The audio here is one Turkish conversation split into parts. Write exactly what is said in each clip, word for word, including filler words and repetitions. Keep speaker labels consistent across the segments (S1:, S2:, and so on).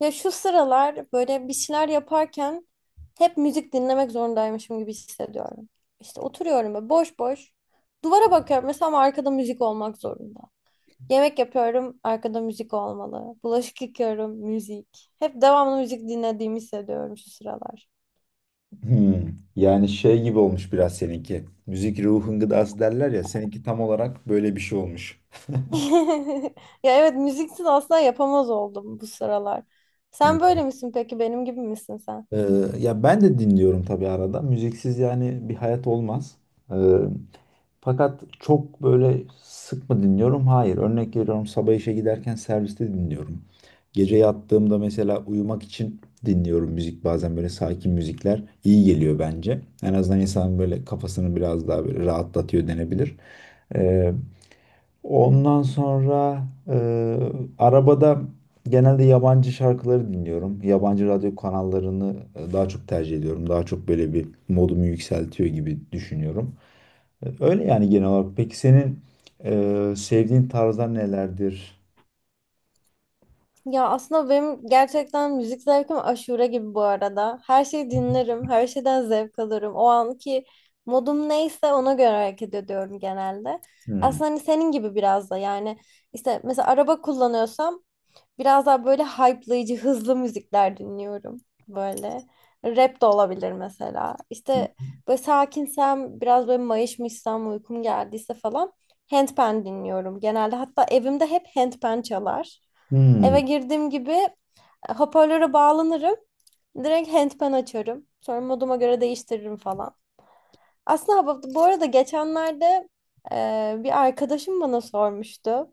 S1: Ya şu sıralar böyle bir şeyler yaparken hep müzik dinlemek zorundaymışım gibi hissediyorum. İşte oturuyorum ve boş boş duvara bakıyorum mesela ama arkada müzik olmak zorunda. Yemek yapıyorum, arkada müzik olmalı. Bulaşık yıkıyorum, müzik. Hep devamlı müzik dinlediğimi hissediyorum şu sıralar.
S2: Hmm. Yani şey gibi olmuş biraz seninki. Müzik ruhun gıdası derler ya. Seninki tam olarak böyle bir şey olmuş.
S1: Ya evet müziksiz asla yapamaz oldum bu sıralar. Sen
S2: Hı.
S1: böyle misin peki? Benim gibi misin sen?
S2: Ee, Ya ben de dinliyorum tabii arada. Müziksiz yani bir hayat olmaz. Ee, Fakat çok böyle sık mı dinliyorum? Hayır. Örnek veriyorum, sabah işe giderken serviste dinliyorum. Gece yattığımda mesela uyumak için dinliyorum müzik. Bazen böyle sakin müzikler iyi geliyor bence. En azından insanın böyle kafasını biraz daha böyle rahatlatıyor denebilir. Ee, Ondan sonra e, arabada genelde yabancı şarkıları dinliyorum. Yabancı radyo kanallarını e, daha çok tercih ediyorum. Daha çok böyle bir modumu yükseltiyor gibi düşünüyorum. E, Öyle yani genel olarak. Peki senin e, sevdiğin tarzlar nelerdir?
S1: Ya aslında benim gerçekten müzik zevkim aşure gibi bu arada. Her şeyi dinlerim, her şeyden zevk alırım. O anki modum neyse ona göre hareket ediyorum genelde.
S2: Hmm.
S1: Aslında hani senin gibi biraz da yani işte mesela araba kullanıyorsam biraz daha böyle hype'layıcı, hızlı müzikler dinliyorum böyle. Rap de olabilir mesela. İşte böyle sakinsem, biraz böyle mayışmışsam, uykum geldiyse falan handpan dinliyorum genelde. Hatta evimde hep handpan çalar.
S2: Hmm.
S1: Eve girdiğim gibi e, hoparlöre bağlanırım. Direkt handpan açarım. Sonra moduma göre değiştiririm falan. Aslında bu bu arada geçenlerde e, bir arkadaşım bana sormuştu.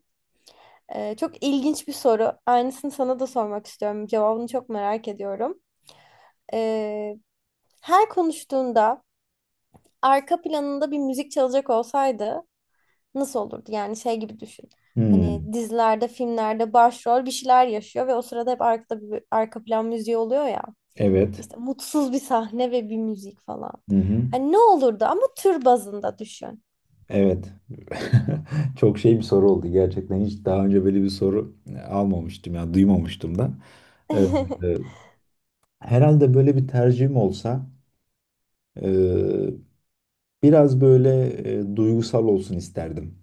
S1: Ee, çok ilginç bir soru. Aynısını sana da sormak istiyorum. Cevabını çok merak ediyorum. Ee, Her konuştuğunda arka planında bir müzik çalacak olsaydı nasıl olurdu? Yani şey gibi düşün.
S2: Hmm.
S1: Hani dizilerde, filmlerde başrol bir şeyler yaşıyor ve o sırada hep arkada bir arka plan müziği oluyor ya.
S2: Evet.
S1: İşte mutsuz bir sahne ve bir müzik falan.
S2: Hı hı.
S1: Hani ne olurdu ama tür bazında düşün.
S2: Evet. Çok şey bir soru oldu gerçekten. Hiç daha önce böyle bir soru e, almamıştım ya duymamıştım da. Evet. Herhalde böyle bir tercihim olsa eee, biraz böyle e, duygusal olsun isterdim.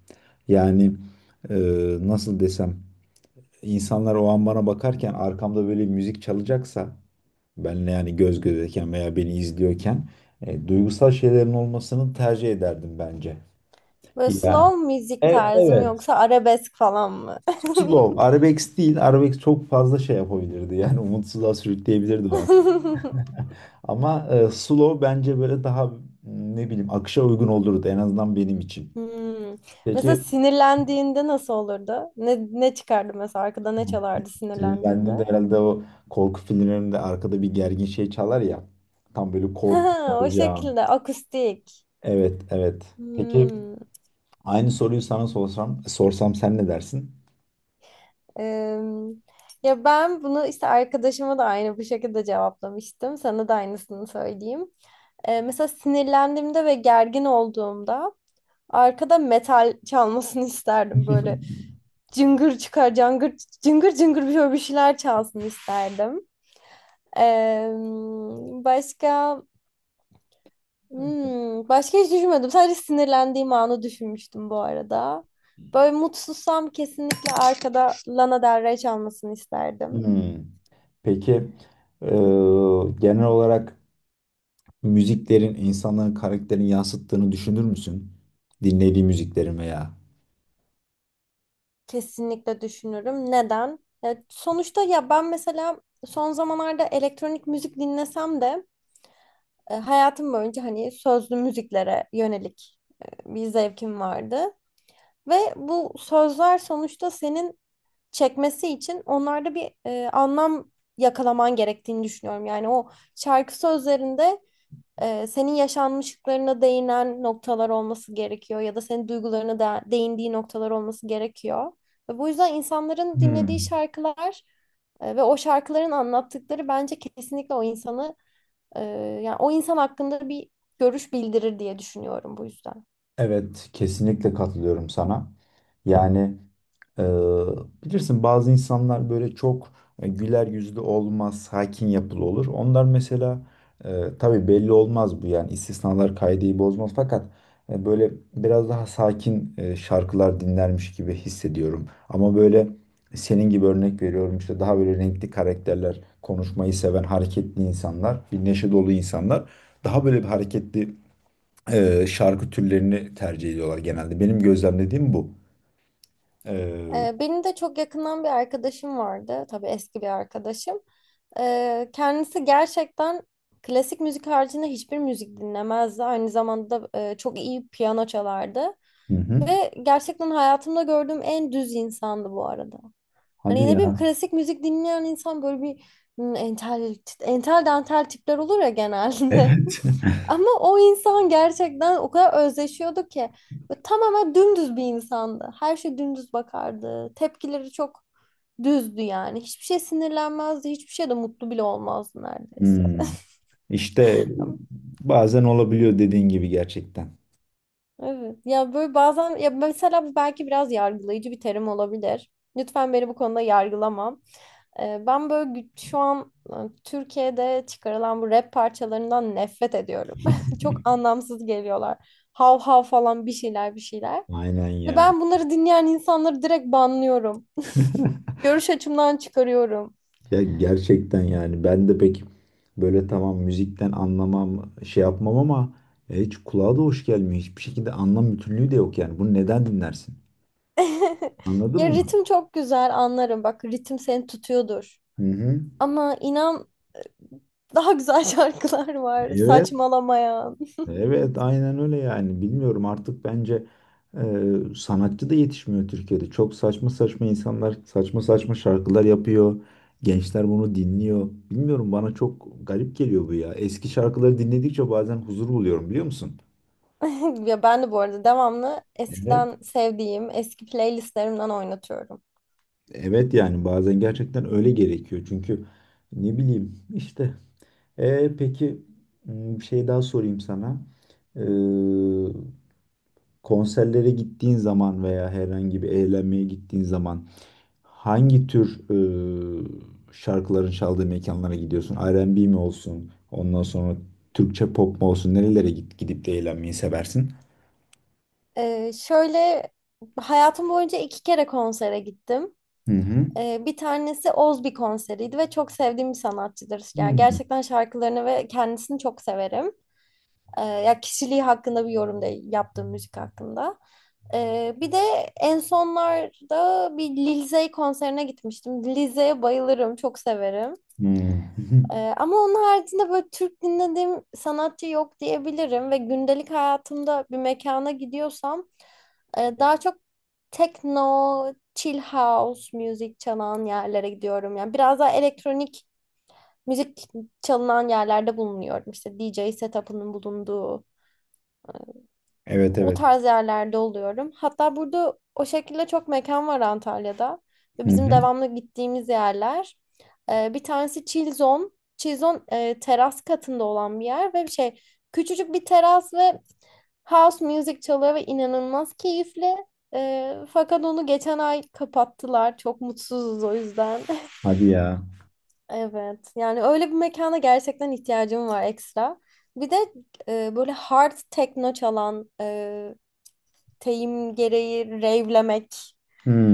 S2: Yani eee, nasıl desem insanlar o an bana bakarken arkamda böyle müzik çalacaksa benle yani göz gözeyken veya beni izliyorken e, duygusal şeylerin olmasını tercih ederdim bence.
S1: Böyle
S2: Yani
S1: slow müzik
S2: e-
S1: tarzı mı
S2: evet,
S1: yoksa arabesk falan mı?
S2: slow arabesk değil, arabesk çok fazla şey yapabilirdi, yani umutsuzluğa sürükleyebilirdi o. Ama e, slow bence böyle daha m, ne bileyim akışa uygun olurdu en azından benim için.
S1: Hmm. Mesela
S2: Peki,
S1: sinirlendiğinde nasıl olurdu? Ne, ne çıkardı mesela arkada ne çalardı sinirlendiğinde?
S2: sinirlendiğimde herhalde o korku filmlerinde arkada bir gergin şey çalar ya. Tam böyle
S1: Ha,
S2: korku
S1: o
S2: olacağım.
S1: şekilde akustik.
S2: Evet, evet. Peki
S1: Hmm.
S2: aynı soruyu sana sorsam, sorsam sen ne dersin?
S1: Em, Ya ben bunu işte arkadaşıma da aynı bu şekilde cevaplamıştım. Sana da aynısını söyleyeyim. E, mesela sinirlendiğimde ve gergin olduğumda arkada metal çalmasını isterdim böyle. Cıngır çıkar, cangır, cıngır cıngır bir şöyle bir şeyler çalsın isterdim. Ee, Başka hmm, başka hiç düşünmedim. Sadece sinirlendiğim anı düşünmüştüm bu arada. Böyle mutsuzsam kesinlikle arkada Lana Del Rey çalmasını isterdim.
S2: Hmm. Peki, e, genel olarak müziklerin insanların karakterini yansıttığını düşünür müsün? Dinlediği müziklerin veya.
S1: Kesinlikle düşünürüm. Neden? Ya sonuçta ya ben mesela son zamanlarda elektronik müzik dinlesem de E, hayatım boyunca hani sözlü müziklere yönelik e, bir zevkim vardı. Ve bu sözler sonuçta senin çekmesi için onlarda bir e, anlam yakalaman gerektiğini düşünüyorum. Yani o şarkı sözlerinde e, senin yaşanmışlıklarına değinen noktalar olması gerekiyor ya da senin duygularına da değindiği noktalar olması gerekiyor. Ve bu yüzden insanların dinlediği
S2: Hmm.
S1: şarkılar e, ve o şarkıların anlattıkları bence kesinlikle o insanı ee, yani o insan hakkında bir görüş bildirir diye düşünüyorum bu yüzden.
S2: Evet, kesinlikle katılıyorum sana. Yani e, bilirsin bazı insanlar böyle çok e, güler yüzlü olmaz, sakin yapılı olur. Onlar mesela e, tabii belli olmaz bu, yani istisnalar kaideyi bozmaz. Fakat e, böyle biraz daha sakin e, şarkılar dinlermiş gibi hissediyorum. Ama böyle senin gibi, örnek veriyorum işte, daha böyle renkli karakterler, konuşmayı seven hareketli insanlar, bir neşe dolu insanlar daha böyle bir hareketli e, şarkı türlerini tercih ediyorlar genelde. Benim gözlemlediğim bu. E,
S1: Ee, benim de çok yakından bir arkadaşım vardı. Tabii eski bir arkadaşım. Ee, kendisi gerçekten klasik müzik haricinde hiçbir müzik dinlemezdi. Aynı zamanda e, çok iyi piyano çalardı.
S2: hı hı.
S1: Ve gerçekten hayatımda gördüğüm en düz insandı bu arada. Hani
S2: Hadi
S1: ne bileyim
S2: ya.
S1: klasik müzik dinleyen insan böyle bir hmm, entel, entel dantel tipler olur ya genelde.
S2: Evet.
S1: Ama o insan gerçekten o kadar özleşiyordu ki. Böyle tamamen dümdüz bir insandı. Her şey dümdüz bakardı. Tepkileri çok düzdü yani. Hiçbir şey sinirlenmezdi. Hiçbir şey de mutlu bile olmazdı neredeyse.
S2: Hmm. İşte bazen olabiliyor dediğin gibi gerçekten.
S1: Evet. Ya böyle bazen ya mesela bu belki biraz yargılayıcı bir terim olabilir. Lütfen beni bu konuda yargılamam. Ee, Ben böyle gü- şu an e, Türkiye'de çıkarılan bu rap parçalarından nefret ediyorum. Çok anlamsız geliyorlar. Hav hav falan bir şeyler bir şeyler.
S2: Aynen
S1: Ve
S2: ya.
S1: ben bunları dinleyen insanları direkt banlıyorum. Görüş açımdan çıkarıyorum.
S2: Ya gerçekten yani ben de pek böyle, tamam müzikten anlamam şey yapmam ama e, hiç kulağa da hoş gelmiyor. Hiçbir şekilde anlam bütünlüğü de yok yani. Bunu neden dinlersin? Anladın
S1: Ya
S2: mı?
S1: ritim çok güzel anlarım. Bak ritim seni tutuyordur.
S2: Hı hı.
S1: Ama inan daha güzel şarkılar var.
S2: Evet.
S1: Saçmalamayan.
S2: Evet, aynen öyle yani. Bilmiyorum artık, bence e, sanatçı da yetişmiyor Türkiye'de. Çok saçma saçma insanlar saçma saçma şarkılar yapıyor. Gençler bunu dinliyor. Bilmiyorum, bana çok garip geliyor bu ya. Eski şarkıları dinledikçe bazen huzur buluyorum, biliyor musun?
S1: Ya ben de bu arada devamlı
S2: Evet.
S1: eskiden sevdiğim eski playlistlerimden oynatıyorum.
S2: Evet, yani bazen gerçekten öyle gerekiyor. Çünkü ne bileyim işte. E, peki, m, bir şey daha sorayım sana. Konserlere gittiğin zaman veya herhangi bir eğlenmeye gittiğin zaman hangi tür e, şarkıların çaldığı mekanlara gidiyorsun? R and B mi olsun? Ondan sonra Türkçe pop mu olsun? Nerelere git, gidip de eğlenmeyi seversin?
S1: Ee, şöyle hayatım boyunca iki kere konsere gittim.
S2: Hı hı.
S1: Ee, bir tanesi Ozbi konseriydi ve çok sevdiğim bir sanatçıdır. Yani
S2: Hmm.
S1: gerçekten şarkılarını ve kendisini çok severim. Ee, ya kişiliği hakkında bir yorum da yaptığım müzik hakkında. Ee, bir de en sonlarda bir Lil Zey konserine gitmiştim. Lil Zey'e bayılırım, çok severim.
S2: Hmm.
S1: Ee, ama onun haricinde böyle Türk dinlediğim sanatçı yok diyebilirim ve gündelik hayatımda bir mekana gidiyorsam e, daha çok techno, chill house müzik çalan yerlere gidiyorum. Yani biraz daha elektronik müzik çalınan yerlerde bulunuyorum. İşte D J setup'ının bulunduğu
S2: Evet,
S1: o
S2: evet.
S1: tarz yerlerde oluyorum. Hatta burada o şekilde çok mekan var Antalya'da. Ve
S2: Hı
S1: bizim
S2: hı.
S1: devamlı gittiğimiz yerler. Ee, bir tanesi Chill Zone. Chill Zone e, teras katında olan bir yer ve bir şey küçücük bir teras ve house music çalıyor ve inanılmaz keyifli. Ee, fakat onu geçen ay kapattılar. Çok mutsuzuz o yüzden.
S2: Hadi ya.
S1: Evet. Yani öyle bir mekana gerçekten ihtiyacım var ekstra. Bir de e, böyle hard techno çalan e, teyim gereği revlemek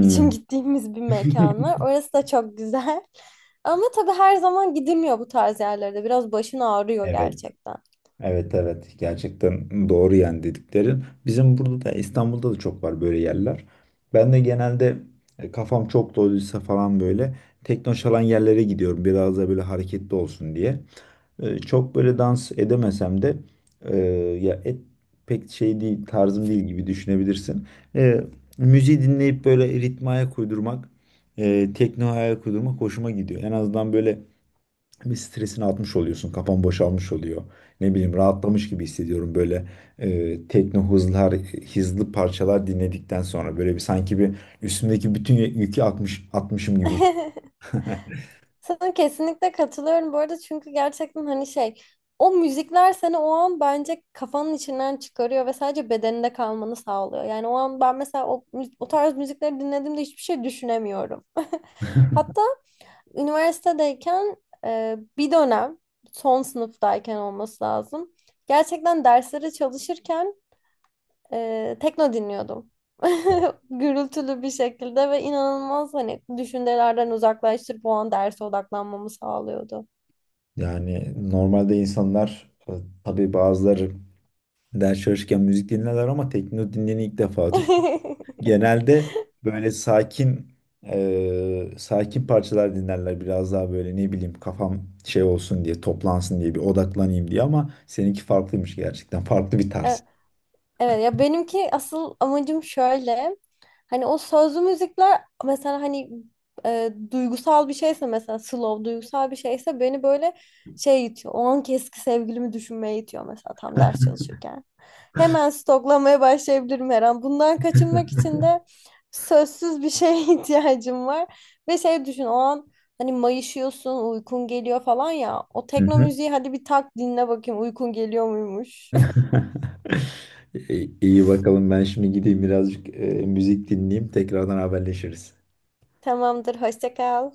S1: için gittiğimiz bir mekan var. Orası da çok güzel. Ama tabii her zaman gidilmiyor bu tarz yerlerde. Biraz başın ağrıyor
S2: Evet.
S1: gerçekten.
S2: Evet, evet, gerçekten doğru yani dediklerin. Bizim burada da, İstanbul'da da çok var böyle yerler. Ben de genelde e, kafam çok doluysa falan böyle tekno çalan yerlere gidiyorum. Biraz da böyle hareketli olsun diye. E, Çok böyle dans edemesem de e, ya et pek şey değil, tarzım değil gibi düşünebilirsin. E, Müziği dinleyip böyle ritme ayak uydurmak, e, tekno ayak uydurmak hoşuma gidiyor. En azından böyle bir stresini atmış oluyorsun. Kafan boşalmış oluyor. Ne bileyim, rahatlamış gibi hissediyorum böyle e, tekno hızlar, hızlı parçalar dinledikten sonra, böyle bir sanki bir üstümdeki bütün yükü atmış, atmışım gibi.
S1: Sana kesinlikle katılıyorum bu arada çünkü gerçekten hani şey o müzikler seni o an bence kafanın içinden çıkarıyor ve sadece bedeninde kalmanı sağlıyor. Yani o an ben mesela o, mü- o tarz müzikleri dinlediğimde hiçbir şey düşünemiyorum. Hatta üniversitedeyken e, bir dönem son sınıftayken olması lazım. Gerçekten derslere çalışırken e, tekno dinliyordum. Gürültülü bir şekilde ve inanılmaz hani düşüncelerden uzaklaştırıp o an derse odaklanmamı sağlıyordu.
S2: Yani normalde insanlar e, tabii bazıları ders çalışırken müzik dinlerler ama tekno dinleyeni ilk defa. Genelde böyle sakin eee, sakin parçalar dinlerler, biraz daha böyle ne bileyim kafam şey olsun diye, toplansın diye, bir odaklanayım diye, ama seninki farklıymış gerçekten. Farklı bir
S1: E,
S2: tarz.
S1: Evet ya benimki asıl amacım şöyle. Hani o sözlü müzikler mesela hani e, duygusal bir şeyse mesela slow duygusal bir şeyse beni böyle şey itiyor. O anki eski sevgilimi düşünmeye itiyor mesela tam ders çalışırken. Hemen stoklamaya başlayabilirim her an. Bundan kaçınmak için de sözsüz bir şeye ihtiyacım var. Ve şey düşün o an hani mayışıyorsun uykun geliyor falan ya. O
S2: Hı
S1: tekno
S2: hı.
S1: müziği hadi bir tak dinle bakayım uykun geliyor muymuş.
S2: İyi iyi, bakalım, ben şimdi gideyim birazcık eee, müzik dinleyeyim, tekrardan haberleşiriz.
S1: Tamamdır hoşça kal.